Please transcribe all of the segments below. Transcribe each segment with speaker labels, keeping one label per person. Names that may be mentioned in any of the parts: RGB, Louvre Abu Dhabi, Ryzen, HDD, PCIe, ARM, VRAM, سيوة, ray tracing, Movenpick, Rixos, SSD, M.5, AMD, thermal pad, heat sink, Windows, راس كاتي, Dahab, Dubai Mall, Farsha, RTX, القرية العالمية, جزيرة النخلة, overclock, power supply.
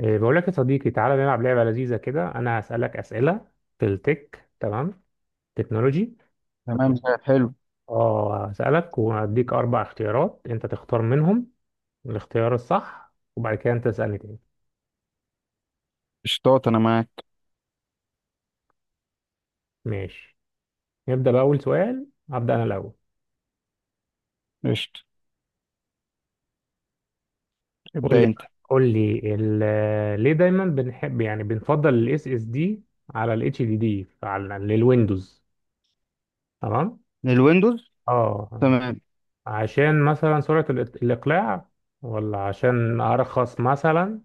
Speaker 1: بقول لك يا صديقي، تعالى نلعب لعبة لذيذة كده. أنا هسألك أسئلة في التك، تمام؟ تكنولوجي.
Speaker 2: تمام، زي حلو.
Speaker 1: اه، هسألك وهديك أربع اختيارات، أنت تختار منهم الاختيار الصح، وبعد كده أنت تسألني تاني.
Speaker 2: قشطات، انا معاك.
Speaker 1: ماشي، نبدأ بأول سؤال. هبدأ أنا الأول.
Speaker 2: قشط،
Speaker 1: قول
Speaker 2: ابدأ
Speaker 1: لي،
Speaker 2: انت.
Speaker 1: ليه دايما بنحب يعني بنفضل ال SSD على ال HDD على للويندوز؟ تمام.
Speaker 2: الويندوز.
Speaker 1: اه،
Speaker 2: تمام.
Speaker 1: عشان مثلا سرعة الإقلاع، ولا عشان أرخص مثلا،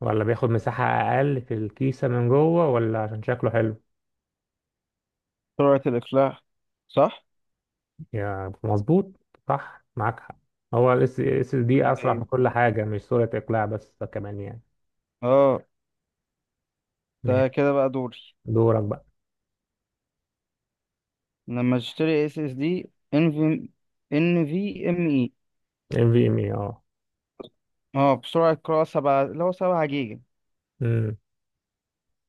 Speaker 1: ولا بياخد مساحة أقل في الكيسة من جوه، ولا عشان شكله حلو؟
Speaker 2: سرعة الإقلاع. صح.
Speaker 1: يا مظبوط، صح، معاك حق. هو ال اس اس دي
Speaker 2: زي
Speaker 1: أسرع في
Speaker 2: الفل.
Speaker 1: كل حاجة، مش سرعة إقلاع بس، كمان يعني.
Speaker 2: اه ده
Speaker 1: ماشي،
Speaker 2: كده بقى دوري.
Speaker 1: دورك بقى.
Speaker 2: لما اشتري اس اس دي ان في، ام اي.
Speaker 1: ام في ام اي، اه.
Speaker 2: اه بسرعة قراءة سبعة اللي هو سبعة جيجا.
Speaker 1: امم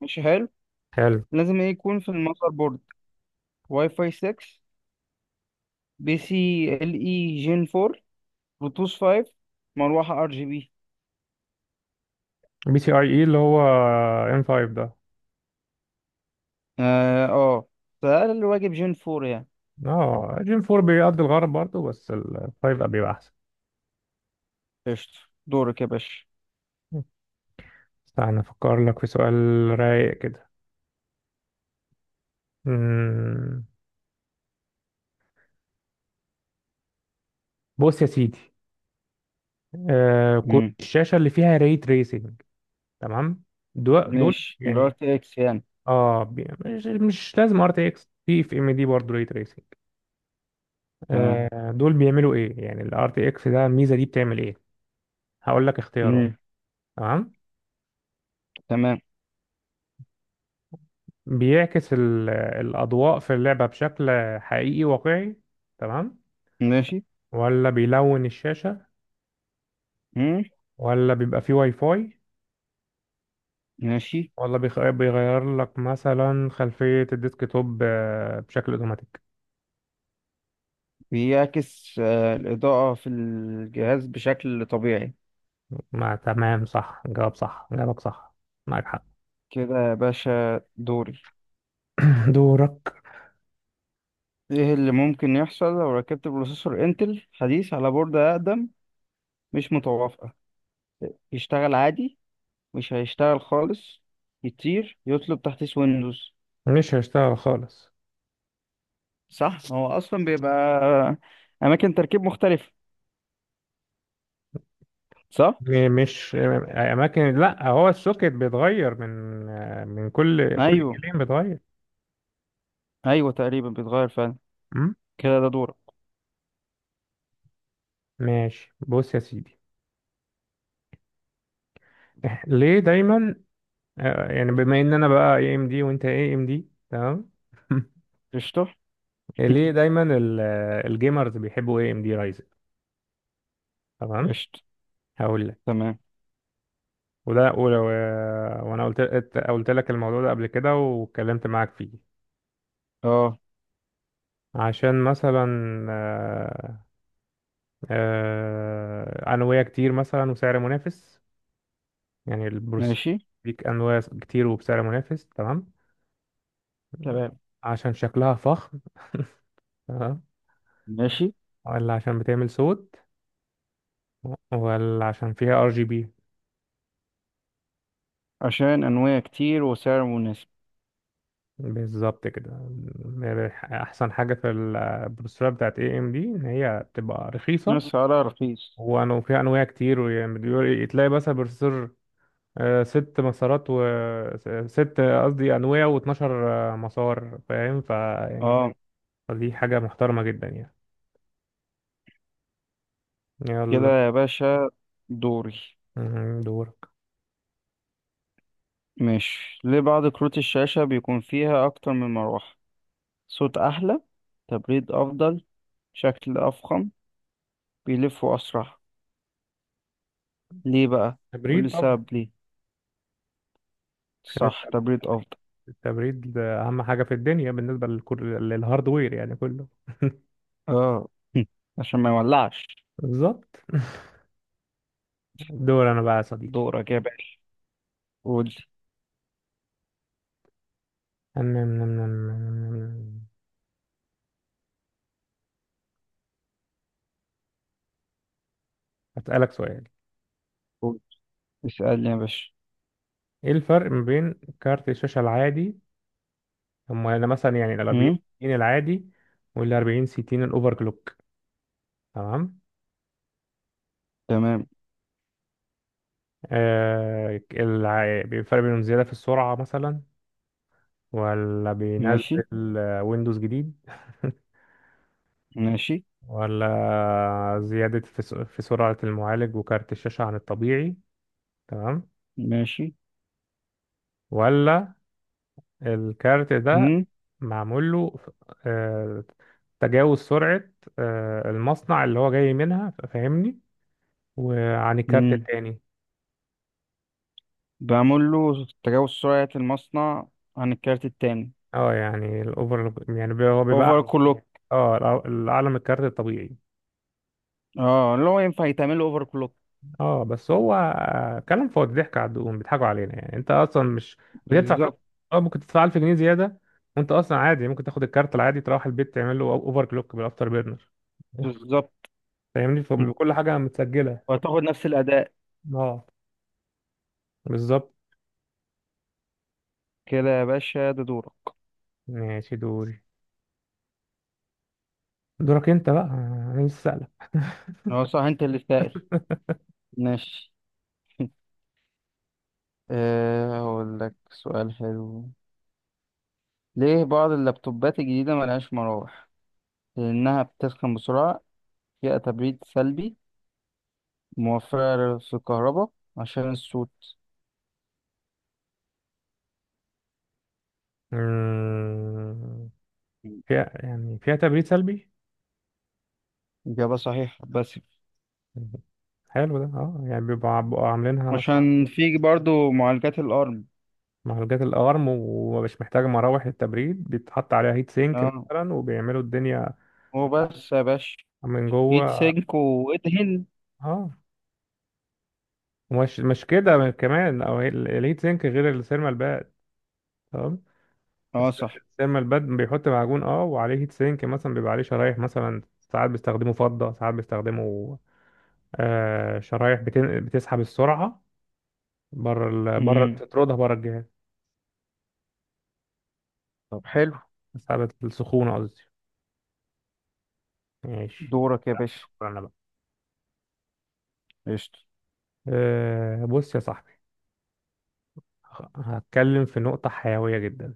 Speaker 2: مش حلو،
Speaker 1: حلو.
Speaker 2: لازم ايه يكون في المذر بورد؟ واي فاي 6، بي سي ال اي جين 4، بلوتوث 5، مروحة ار جي بي.
Speaker 1: بي سي اي اي اللي هو ام 5 ده؟
Speaker 2: اه، ده أقل واجب جين 4 يعني.
Speaker 1: اه، جيم 4 بيقضي الغرض برضه، بس ال 5 بيبقى أحسن.
Speaker 2: قشطة، دورك يا باشا.
Speaker 1: استنى افكر لك في سؤال. رايق كده. امم بص يا سيدي، آه، كروت
Speaker 2: مم.
Speaker 1: الشاشة اللي فيها ري تريسنج، تمام؟ دول
Speaker 2: ماشي، الار
Speaker 1: يعني،
Speaker 2: تي اكس يعني.
Speaker 1: اه مش لازم ار تي اكس، في في ام دي برضه ري تريسنج.
Speaker 2: تمام.
Speaker 1: آه، دول بيعملوا ايه؟ يعني الار تي اكس ده، الميزه دي بتعمل ايه؟ هقول لك اختيارات.
Speaker 2: مم.
Speaker 1: تمام.
Speaker 2: تمام.
Speaker 1: بيعكس الاضواء في اللعبه بشكل حقيقي واقعي، تمام؟
Speaker 2: ماشي.
Speaker 1: ولا بيلون الشاشه؟
Speaker 2: مم.
Speaker 1: ولا بيبقى فيه واي فاي؟
Speaker 2: ماشي.
Speaker 1: ولا بيغير لك مثلا خلفيه الديسك توب بشكل اوتوماتيك؟
Speaker 2: بيعكس آه، الإضاءة في الجهاز بشكل طبيعي.
Speaker 1: ما تمام، صح، جواب صح، جوابك صح، معاك حق.
Speaker 2: كده يا باشا دوري.
Speaker 1: دورك.
Speaker 2: ايه اللي ممكن يحصل لو ركبت بروسيسور انتل حديث على بوردة أقدم مش متوافقة؟ يشتغل عادي، مش هيشتغل خالص، يطير يطلب تحديث ويندوز.
Speaker 1: مش هيشتغل خالص.
Speaker 2: صح، هو أصلا بيبقى أماكن تركيب مختلفة، صح؟
Speaker 1: يعني مش اماكن، لا، هو السوكت بيتغير من كل
Speaker 2: أيوه،
Speaker 1: جيلين بيتغير.
Speaker 2: أيوه تقريبا بيتغير فعلا.
Speaker 1: أم؟
Speaker 2: كده ده دورك.
Speaker 1: ماشي، بص يا سيدي. ليه دايما يعني بما ان انا بقى اي ام دي وانت اي ام دي، تمام؟
Speaker 2: قشطة.
Speaker 1: ليه دايما الجيمرز بيحبوا اي ام دي رايزن؟ تمام.
Speaker 2: قشطة.
Speaker 1: هقول لك.
Speaker 2: تمام.
Speaker 1: وده ولو وانا قلت لك الموضوع ده قبل كده واتكلمت معاك فيه.
Speaker 2: اه.
Speaker 1: عشان مثلا، آه، أنوية كتير مثلا وسعر منافس، يعني البروسيسور
Speaker 2: ماشي.
Speaker 1: ليك أنواع كتير وبسعر منافس، تمام؟
Speaker 2: تمام.
Speaker 1: عشان شكلها فخم، تمام؟
Speaker 2: ماشي.
Speaker 1: ولا عشان بتعمل صوت؟ ولا عشان فيها ار جي بي؟
Speaker 2: عشان أنواع كتير وسعر مناسب.
Speaker 1: بالظبط كده. احسن حاجه في البروسيسورات بتاعت اي ام دي ان هي بتبقى رخيصه،
Speaker 2: سعرها رخيص.
Speaker 1: وفيها انواع كتير، ويعني تلاقي مثلا بروسيسور ست مسارات، و ست قصدي انويه و12 مسار، فاهم؟ فيعني
Speaker 2: اه.
Speaker 1: فدي حاجة محترمة جدا يعني.
Speaker 2: كده
Speaker 1: يلا.
Speaker 2: يا باشا دوري.
Speaker 1: مهم. دورك.
Speaker 2: ماشي، ليه بعض كروت الشاشة بيكون فيها أكتر من مروحة؟ صوت أحلى، تبريد أفضل، شكل أفخم، بيلفوا أسرع. ليه بقى؟ قولي
Speaker 1: تبريد طبعا.
Speaker 2: سبب ليه.
Speaker 1: عشان
Speaker 2: صح، تبريد أفضل.
Speaker 1: التبريد ده أهم حاجة في الدنيا بالنسبة للهاردوير يعني كله.
Speaker 2: اه. عشان ما يولعش.
Speaker 1: بالظبط. دور أنا بقى يا صديقي.
Speaker 2: دورك يا باشا، قول.
Speaker 1: أم- أم- أم- أم- هسألك سؤال.
Speaker 2: قول، اسألني يا باشا.
Speaker 1: إيه الفرق ما بين كارت الشاشة العادي، هم أنا مثلا يعني ال 40
Speaker 2: هم؟
Speaker 1: 60 العادي، وال 40 60 الأوفر كلوك، تمام؟
Speaker 2: تمام.
Speaker 1: آه الفرق بينهم زيادة في السرعة مثلا، ولا بينزل
Speaker 2: ماشي.
Speaker 1: ويندوز جديد؟
Speaker 2: ماشي.
Speaker 1: ولا زيادة في في سرعة المعالج وكارت الشاشة عن الطبيعي، تمام؟
Speaker 2: ماشي.
Speaker 1: ولا الكارت ده
Speaker 2: مم.
Speaker 1: معمول له آه، تجاوز سرعة المصنع اللي هو جاي منها، فاهمني، وعن الكارت
Speaker 2: مم.
Speaker 1: التاني؟
Speaker 2: بعمل له تجاوز سرعة المصنع عن الكارت التاني.
Speaker 1: اه يعني الاوفر يعني هو بيبقى
Speaker 2: اوفر كلوك.
Speaker 1: اه الأعلى من الكارت الطبيعي.
Speaker 2: اه، اللي هو ينفع يتعمل له اوفر كلوك.
Speaker 1: اه بس هو كلام فاضي، ضحك على الدقون، بيضحكوا علينا، يعني انت اصلا مش بتدفع فلوس.
Speaker 2: بالظبط.
Speaker 1: اه ممكن تدفع 1000 جنيه زياده، وانت اصلا عادي ممكن تاخد الكارت العادي تروح البيت تعمل له اوفر كلوك بالافتر بيرنر،
Speaker 2: بالظبط.
Speaker 1: فاهمني؟ فبيبقى كل حاجه متسجله.
Speaker 2: وهتاخد نفس الأداء.
Speaker 1: اه، بالظبط.
Speaker 2: كده يا باشا ده دورك.
Speaker 1: ماشي دوري. دورك انت بقى، انا لسه سألك.
Speaker 2: هو صح انت اللي سائل. ماشي. أه هقول لك سؤال حلو. ليه بعض اللابتوبات الجديدة ملهاش مراوح؟ لأنها بتسخن بسرعة، فيها تبريد سلبي، موفرة في الكهرباء، عشان الصوت.
Speaker 1: مم، فيها فيها تبريد سلبي.
Speaker 2: إجابة صحيحة بس.
Speaker 1: مم. حلو ده. اه يعني بيبقوا عاملينها مثلا
Speaker 2: عشان في برضو معالجات الأرم.
Speaker 1: معالجات الأرم ومش محتاج مراوح للتبريد، بيتحط عليها هيت سينك
Speaker 2: اه.
Speaker 1: مثلا وبيعملوا الدنيا
Speaker 2: هو بس يا باشا
Speaker 1: من
Speaker 2: هيت
Speaker 1: جوه.
Speaker 2: سينك وادهن.
Speaker 1: اه، ومش مش كده كمان، أو الهيت سينك غير السيرمال باد، تمام؟
Speaker 2: اه صح.
Speaker 1: السيرمال باد بيحط معجون اه وعليه هيت سينك، مثلا بيبقى عليه شرايح، مثلا ساعات بيستخدموا فضة، ساعات بيستخدموا آه شرايح بتسحب السرعة بره بره،
Speaker 2: مم.
Speaker 1: تطردها بره الجهاز.
Speaker 2: طب حلو.
Speaker 1: بتسحب السخونة قصدي. ماشي.
Speaker 2: دورك يا باشا.
Speaker 1: دور أنا بقى.
Speaker 2: قشطة.
Speaker 1: آه بص يا صاحبي، هتكلم في نقطة حيوية جدا.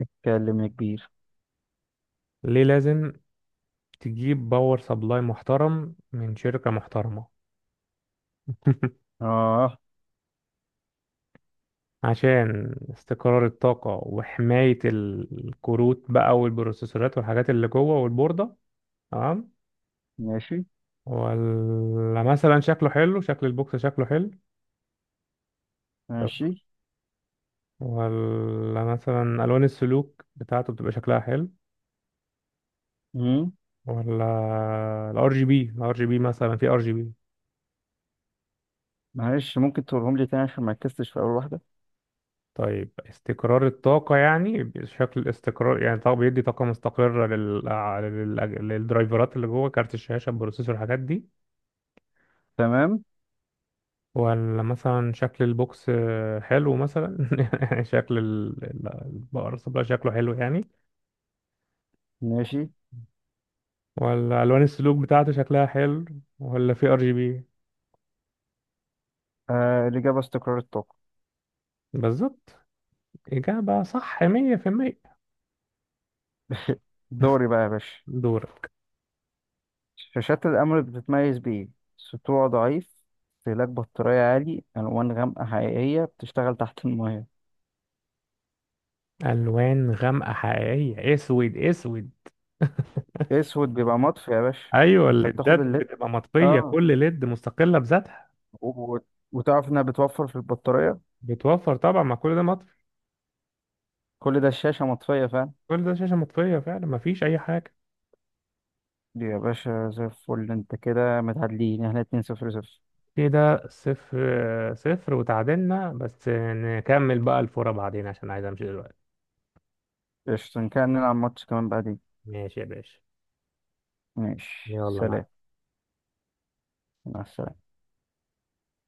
Speaker 2: اتكلم يا كبير.
Speaker 1: ليه لازم تجيب باور سبلاي محترم من شركة محترمة؟
Speaker 2: اه.
Speaker 1: عشان استقرار الطاقة، وحماية الكروت بقى والبروسيسورات والحاجات اللي جوه والبوردة، تمام؟
Speaker 2: ماشي.
Speaker 1: ولا مثلا شكله حلو، شكل البوكس شكله حلو؟ طب
Speaker 2: ماشي.
Speaker 1: ولا مثلا ألوان السلوك بتاعته بتبقى شكلها حلو؟
Speaker 2: مم.
Speaker 1: ولا الار جي بي مثلا، في ار جي بي؟
Speaker 2: معلش ممكن تقولهم لي تاني عشان ما ركزتش في أول واحدة.
Speaker 1: طيب، استقرار الطاقة يعني شكل استقرار، يعني طب بيدي طاقة مستقرة للدرايفرات اللي جوه كارت الشاشة، البروسيسور، الحاجات دي.
Speaker 2: تمام.
Speaker 1: ولا مثلا شكل البوكس حلو مثلا؟ شكل الباور سبلاي شكله حلو يعني؟
Speaker 2: ماشي.
Speaker 1: ولا ألوان السلوك بتاعته شكلها حلو؟ ولا في ار جي بي؟
Speaker 2: آه الإجابة استقرار الطاقة.
Speaker 1: بالظبط، إجابة صح 100%.
Speaker 2: دوري بقى يا باشا.
Speaker 1: دورك.
Speaker 2: شاشات الأمر بتتميز بإيه؟ سطوع ضعيف، استهلاك بطارية عالي، ألوان غامقة حقيقية، بتشتغل تحت الماية.
Speaker 1: ألوان غامقة حقيقية، أسود أسود.
Speaker 2: أسود بيبقى مطفي يا باشا.
Speaker 1: ايوه
Speaker 2: أنت
Speaker 1: الليدات
Speaker 2: بتاخد الليد،
Speaker 1: بتبقى مطفيه،
Speaker 2: آه،
Speaker 1: كل ليد مستقله بذاتها.
Speaker 2: و... وتعرف إنها بتوفر في البطارية.
Speaker 1: بتوفر طبعا، ما كل ده مطفي.
Speaker 2: كل ده الشاشة مطفية، فاهم.
Speaker 1: كل ده شاشة مطفية فعلا، ما فيش أي حاجة.
Speaker 2: دي يا باشا زي الفل. أنت كده متعادلين، إحنا اتنين صفر صفر.
Speaker 1: كده صفر صفر، وتعادلنا، بس نكمل بقى الفورة بعدين عشان عايز أمشي دلوقتي.
Speaker 2: قشطة، إن كان نلعب ماتش كمان بعدين.
Speaker 1: ماشي يا باشا.
Speaker 2: ماشي،
Speaker 1: يلا، مع
Speaker 2: سلام. مع السلامة.